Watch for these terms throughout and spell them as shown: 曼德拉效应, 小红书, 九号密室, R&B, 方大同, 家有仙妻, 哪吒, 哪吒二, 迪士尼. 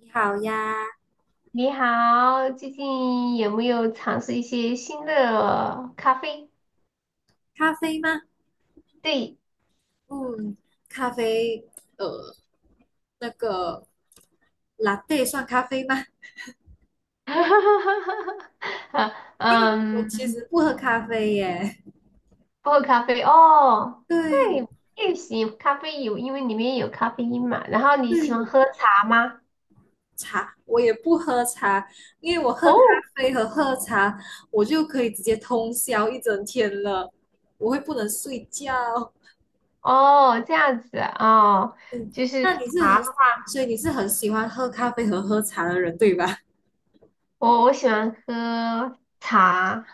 你好呀，你好，最近有没有尝试一些新的咖啡？咖啡吗？对，嗯，咖啡，呃，那个 LA 算咖啡吗？啊，因为我其嗯，实不喝咖啡耶。不喝咖啡哦，那对，你也行，咖啡有，因为里面有咖啡因嘛。然后你喜欢绿喝茶吗？茶我也不喝茶，因为我喝咖哦，啡和喝茶，我就可以直接通宵一整天了，我会不能睡觉。哦，这样子啊，嗯，就是那你是茶，很，所以你是很喜欢喝咖啡和喝茶的人，对吧？我喜欢喝茶，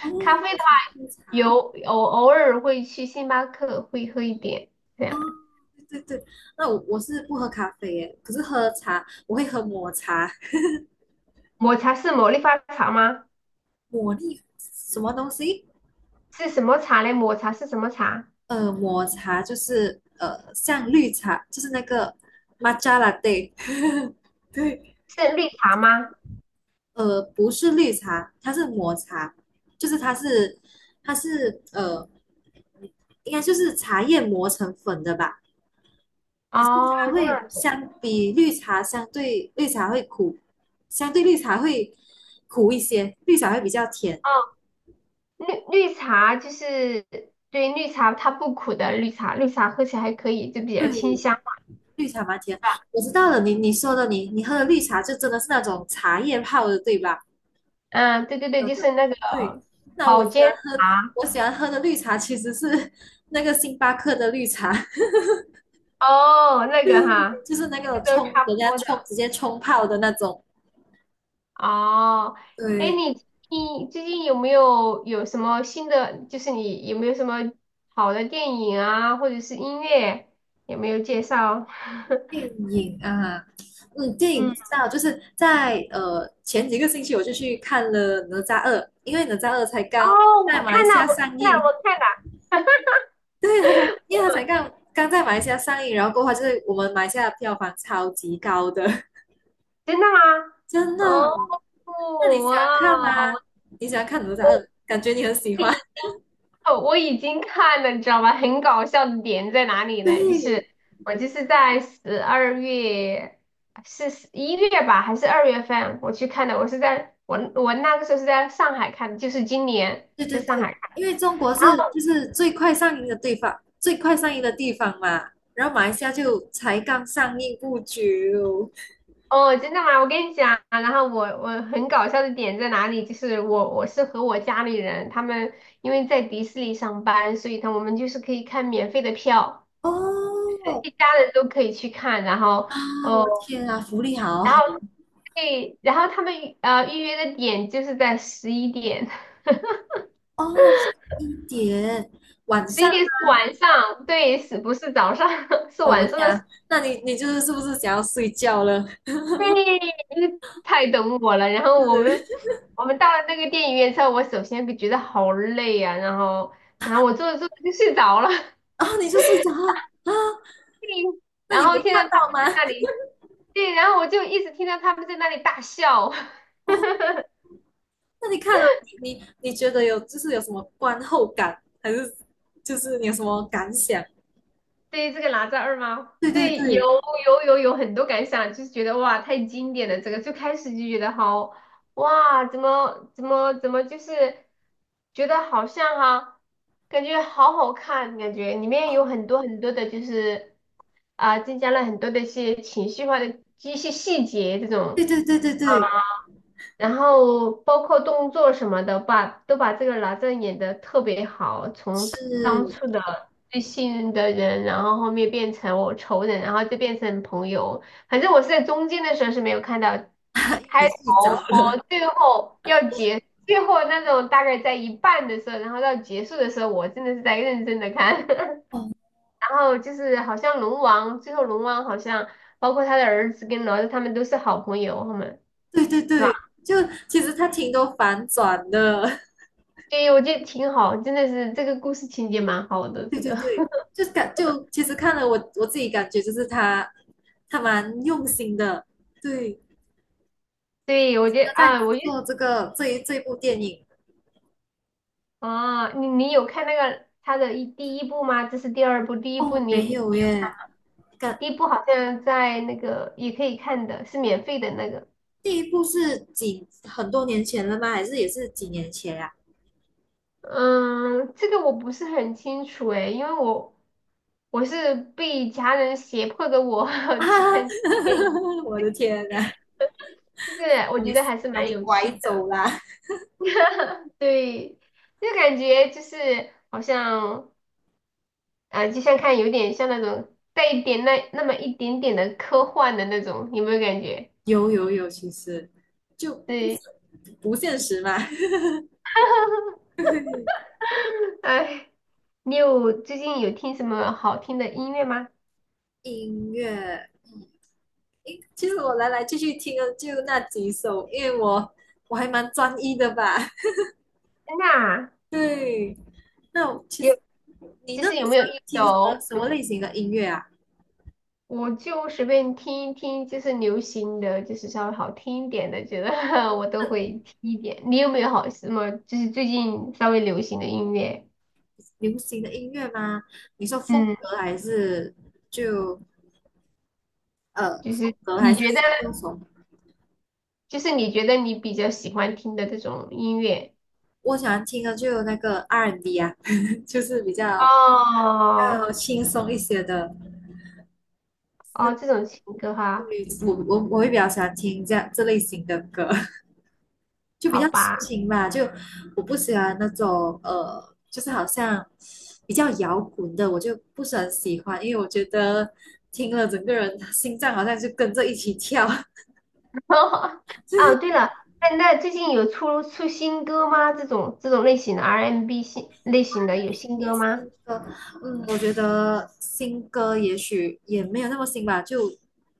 哦，咖啡我的话想喝有，茶。我偶尔会去星巴克会喝一点。这哦，样。对对对，那我是不喝咖啡耶，可是喝茶我会喝抹茶，抹茶是茉莉花茶吗？抹力什么东西？是什么茶嘞？抹茶是什么茶？抹茶就是像绿茶，就是那个 matcha latte，对，是绿茶吗？不是绿茶，它是抹茶，就是它是应该就是茶叶磨成粉的吧？可是它哦，这会样相比绿茶相对绿茶会苦，相对绿茶会苦一些，绿茶会比较甜。哦，绿茶就是对绿茶它不苦的，绿茶喝起来还可以，就比较清对，香，是绿茶蛮甜。吧？我知道了，你说的，你喝的绿茶就真的是那种茶叶泡的，对吧？嗯，对对对，喝就的，是那个对。那我保喜健欢喝，茶我喜欢喝的绿茶其实是 那个星巴克的绿茶，哦，那就个是哈，就是那其实个都冲，差人不家多的。冲直接冲泡的那种。哦，哎，对，你最近有没有什么新的？就是你有没有什么好的电影啊，或者是音乐，有没有介绍？电 影啊，嗯，电影嗯，不知道，就是在前几个星期我就去看了《哪吒二》，因为《哪吒二》才哦，刚在我马来看了，西亚我上看了，映。我看了，对，因为他才刚刚在马来西亚上映，然后过后他就是我们马来西亚的票房超级高的，真的吗？真的。哦，哇那你喜欢看啊？哦，你喜欢看哪吒我二？我感觉你很喜可欢。以 哦，我已经看了，你知道吗？很搞笑的点在哪里呢？就是对，我就是在12月，是1月吧，还是2月份我去看的？我是在我那个时候是在上海看的，就是今年对对在上对，海看。因为中国然是后就是最快上映的地方，最快上映的地方嘛。然后马来西亚就才刚上映不久。哦，真的吗？我跟你讲，然后我很搞笑的点在哪里？就是我是和我家里人，他们因为在迪士尼上班，所以他我们就是可以看免费的票，哦，一家人都可以去看，然后。啊，我的哦。天啊，福利好然好后对，然后他们预约的点就是在十一点，哦，一点晚十一上点是晚上，对，是不是早上？是哦，我晚上天的啊，十那你就是是不是想要睡觉了？对，太懂我了。然后我们到了那个电影院之后，我首先就觉得好累啊，然后我坐着坐着就睡着了，然后你就睡着了啊？对，那然你后没听到他看到们吗？在那里，对，然后我就一直听到他们在那里大笑。哦，那你看了，你觉得有就是有什么观后感，还是就是你有什么感想？对于这个哪吒2吗？对对对，有对有有有很多感想，就是觉得哇，太经典了。这个最开始就觉得好哇，怎么，就是觉得好像哈、感觉好好看，感觉里面有很多很多的，就是啊、增加了很多的一些情绪化的一些细节这对种。对对对对，然后包括动作什么的，把都把这个哪吒演得特别好，从是，当 初因的最信任的人，然后后面变成我仇人，然后就变成朋友。反正我是在中间的时候是没有看到为你开睡着头和了。最后要结，最后那种大概在一半的时候，然后到结束的时候，我真的是在认真的看。哦，然后就是好像龙王，最后龙王好像包括他的儿子跟哪吒他们都是好朋友，他们。对对对吧对，就其实它挺多反转的，对，我觉得挺好，真的是这个故事情节蛮好 的。对这对个，对，就其实看了我自己感觉就是他蛮用心的，对，对，我觉他得在啊，我制觉得作这一部电影。啊，你有看那个他的第一部吗？这是第二部，第一部哦，没你有耶，感第一部好像在那个也可以看的，是免费的那个。第一部是很多年前了吗？还是也是几年前呀、嗯，这个我不是很清楚诶，因为我是被家人胁迫的我 啊？去啊 看电影，我的天呐，就是我把觉你得还是把蛮你有拐趣的。走啦！对，就感觉就是好像。啊，就像看有点像那种带一点那么一点点的科幻的那种，有没有感觉？有有有，其实就不是对，不现实嘛。哎，你有最近有听什么好听的音乐吗？音乐，诶其实我来来去去听的就那几首，因为我还蛮专一的吧。真的啊，对，那我其实有，其那你实有喜没有欢一听什么首，什么类型的音乐啊？我就随便听一听，就是流行的，就是稍微好听一点的，觉得 我都会听一点。你有没有好什么，就是最近稍微流行的音乐？流行的音乐吗？你说风嗯，格还是就就风是格还你是觉得，那种就是你觉得，你比较喜欢听的这种音乐？我喜欢听的就有那个 R&B 啊，就是比较比哦较轻松一些的。哦，这种情歌哈，对，我会比较喜欢听这类型的歌，就比好较抒吧。情吧。就我不喜欢那种就是好像比较摇滚的，我就不是很喜欢，因为我觉得听了整个人心脏好像就跟着一起跳。哦，对了，那最近有出新歌吗？这种类型的 R&B 新类型的有新歌吗？新歌，嗯，我觉得新歌也许也没有那么新吧，就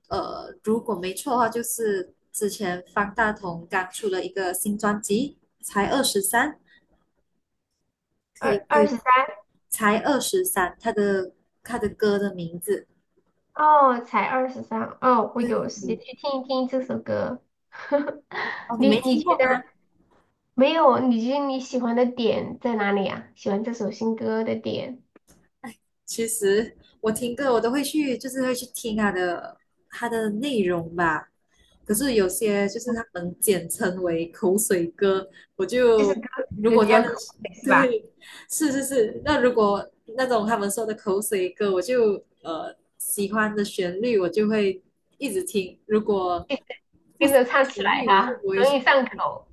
如果没错的话，就是之前方大同刚出了一个新专辑，才二十三，可以二二对，十三才二十三，他的歌的名字，哦，才二十三哦，我对有时间去听一听这首歌。哦，你你没你听过觉得吗？没有？你觉得你喜欢的点在哪里啊？喜欢这首新歌的点，其实我听歌我都会去，就是会去听它的内容吧。可是有些就是他们简称为口水歌，我就是歌就如词果比他较的口味是吧？对，是是是，那如果那种他们说的口水歌，我就喜欢的旋律，我就会一直听；如果不跟喜欢着唱起旋来律，我就哈，不会容去易上口。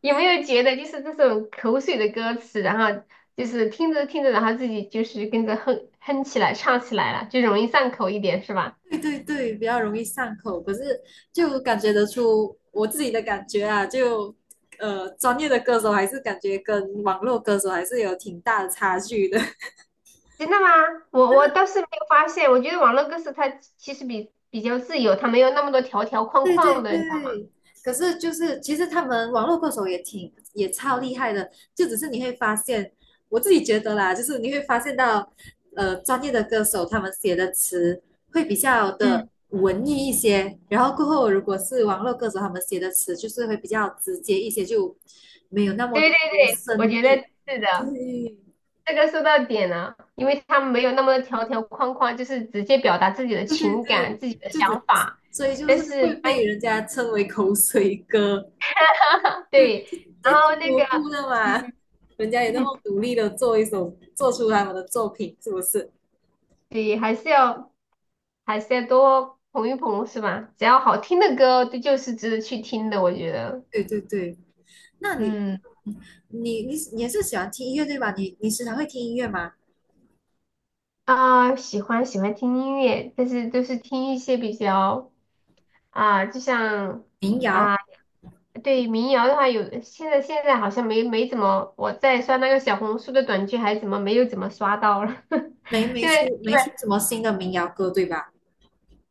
有没有觉得就是这种口水的歌词，然后就是听着听着，然后自己就是跟着哼哼起来、唱起来了，就容易上口一点，是吧？对对对，比较容易上口，可是就感觉得出我自己的感觉啊，就专业的歌手还是感觉跟网络歌手还是有挺大的差距的。真的吗？我倒是没有发现，我觉得网络歌词它其实比较自由，它没有那么多条条框对对框的，你知道吗？对，可是就是其实他们网络歌手也挺也超厉害的，就只是你会发现，我自己觉得啦，就是你会发现到，专业的歌手他们写的词会比较的嗯，文艺一些，然后过后如果是网络歌手他们写的词就是会比较直接一些，就没有那么对多对对，我深觉得意。是的，对这个说到点了，因为他们没有那么多条条框框，就是直接表达自己的对对情对，感、自己的就只想法，所以就但是是会他 被人家称为口水歌。对，在然后听那无个。辜的嗯 嘛，人家也那么 努力的做一首，做出他们的作品，是不是？对，还是要多捧一捧，是吧？只要好听的歌，这就是值得去听的，我觉得。对对对，那你嗯，你你你也是喜欢听音乐对吧？你时常会听音乐吗？啊，喜欢听音乐，但是都是听一些比较啊，就像民谣啊，对民谣的话有，现在好像没怎么，我在刷那个小红书的短剧，还怎么没有怎么刷到了？现在没出什么新的民谣歌对吧？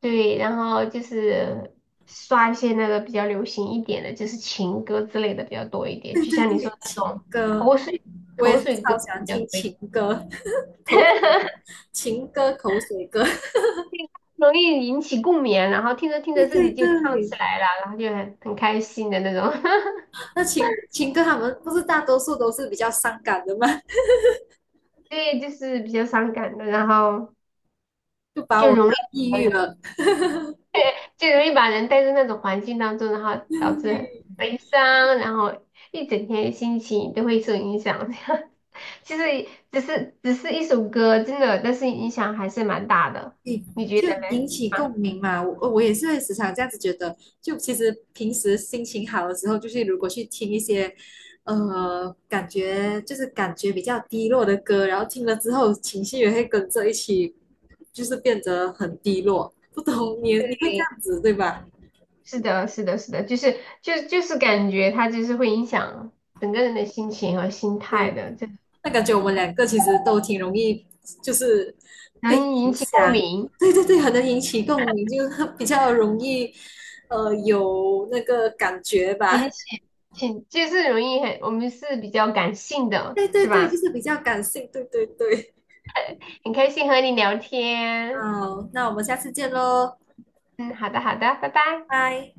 对，然后就是刷一些那个比较流行一点的，就是情歌之类的比较多一 点，对就对像你说对，的那情种歌口水我也口是水歌超比喜欢较多听一点情歌，口情歌口水歌。容易引起共鸣啊，然后听着听对着自对己就唱对，起来了，然后就很开心的那种，那情歌他们不是大多数都是比较伤感的吗？对，就是比较伤感的，然后就把就我搞容易。抑郁了。就容易把人带入那种环境当中，然后导致很 悲伤，然后一整天心情都会受影响。这样，其实只是一首歌，真的，但是影响还是蛮大的，你你觉得就引呢？起共鸣嘛。我也是会时常这样子觉得，就其实平时心情好的时候，就是如果去听一些，感觉就是感觉比较低落的歌，然后听了之后情绪也会跟着一起，就是变得很低落。不懂你你会这样子对吧？是的，是的，是的，就是感觉它就是会影响整个人的心情和心态的，就那感觉我们两个其实都挺容易，就是被容易引影起共响。鸣，对对对，很能引起共鸣，就 是比较容易，有那个感觉吧。引起挺就是容易很，我们是比较感性的，对对是对，就吧？是比较感性，对对对。很开心和你聊天，好，那我们下次见喽，嗯，好的，好的，拜拜。拜。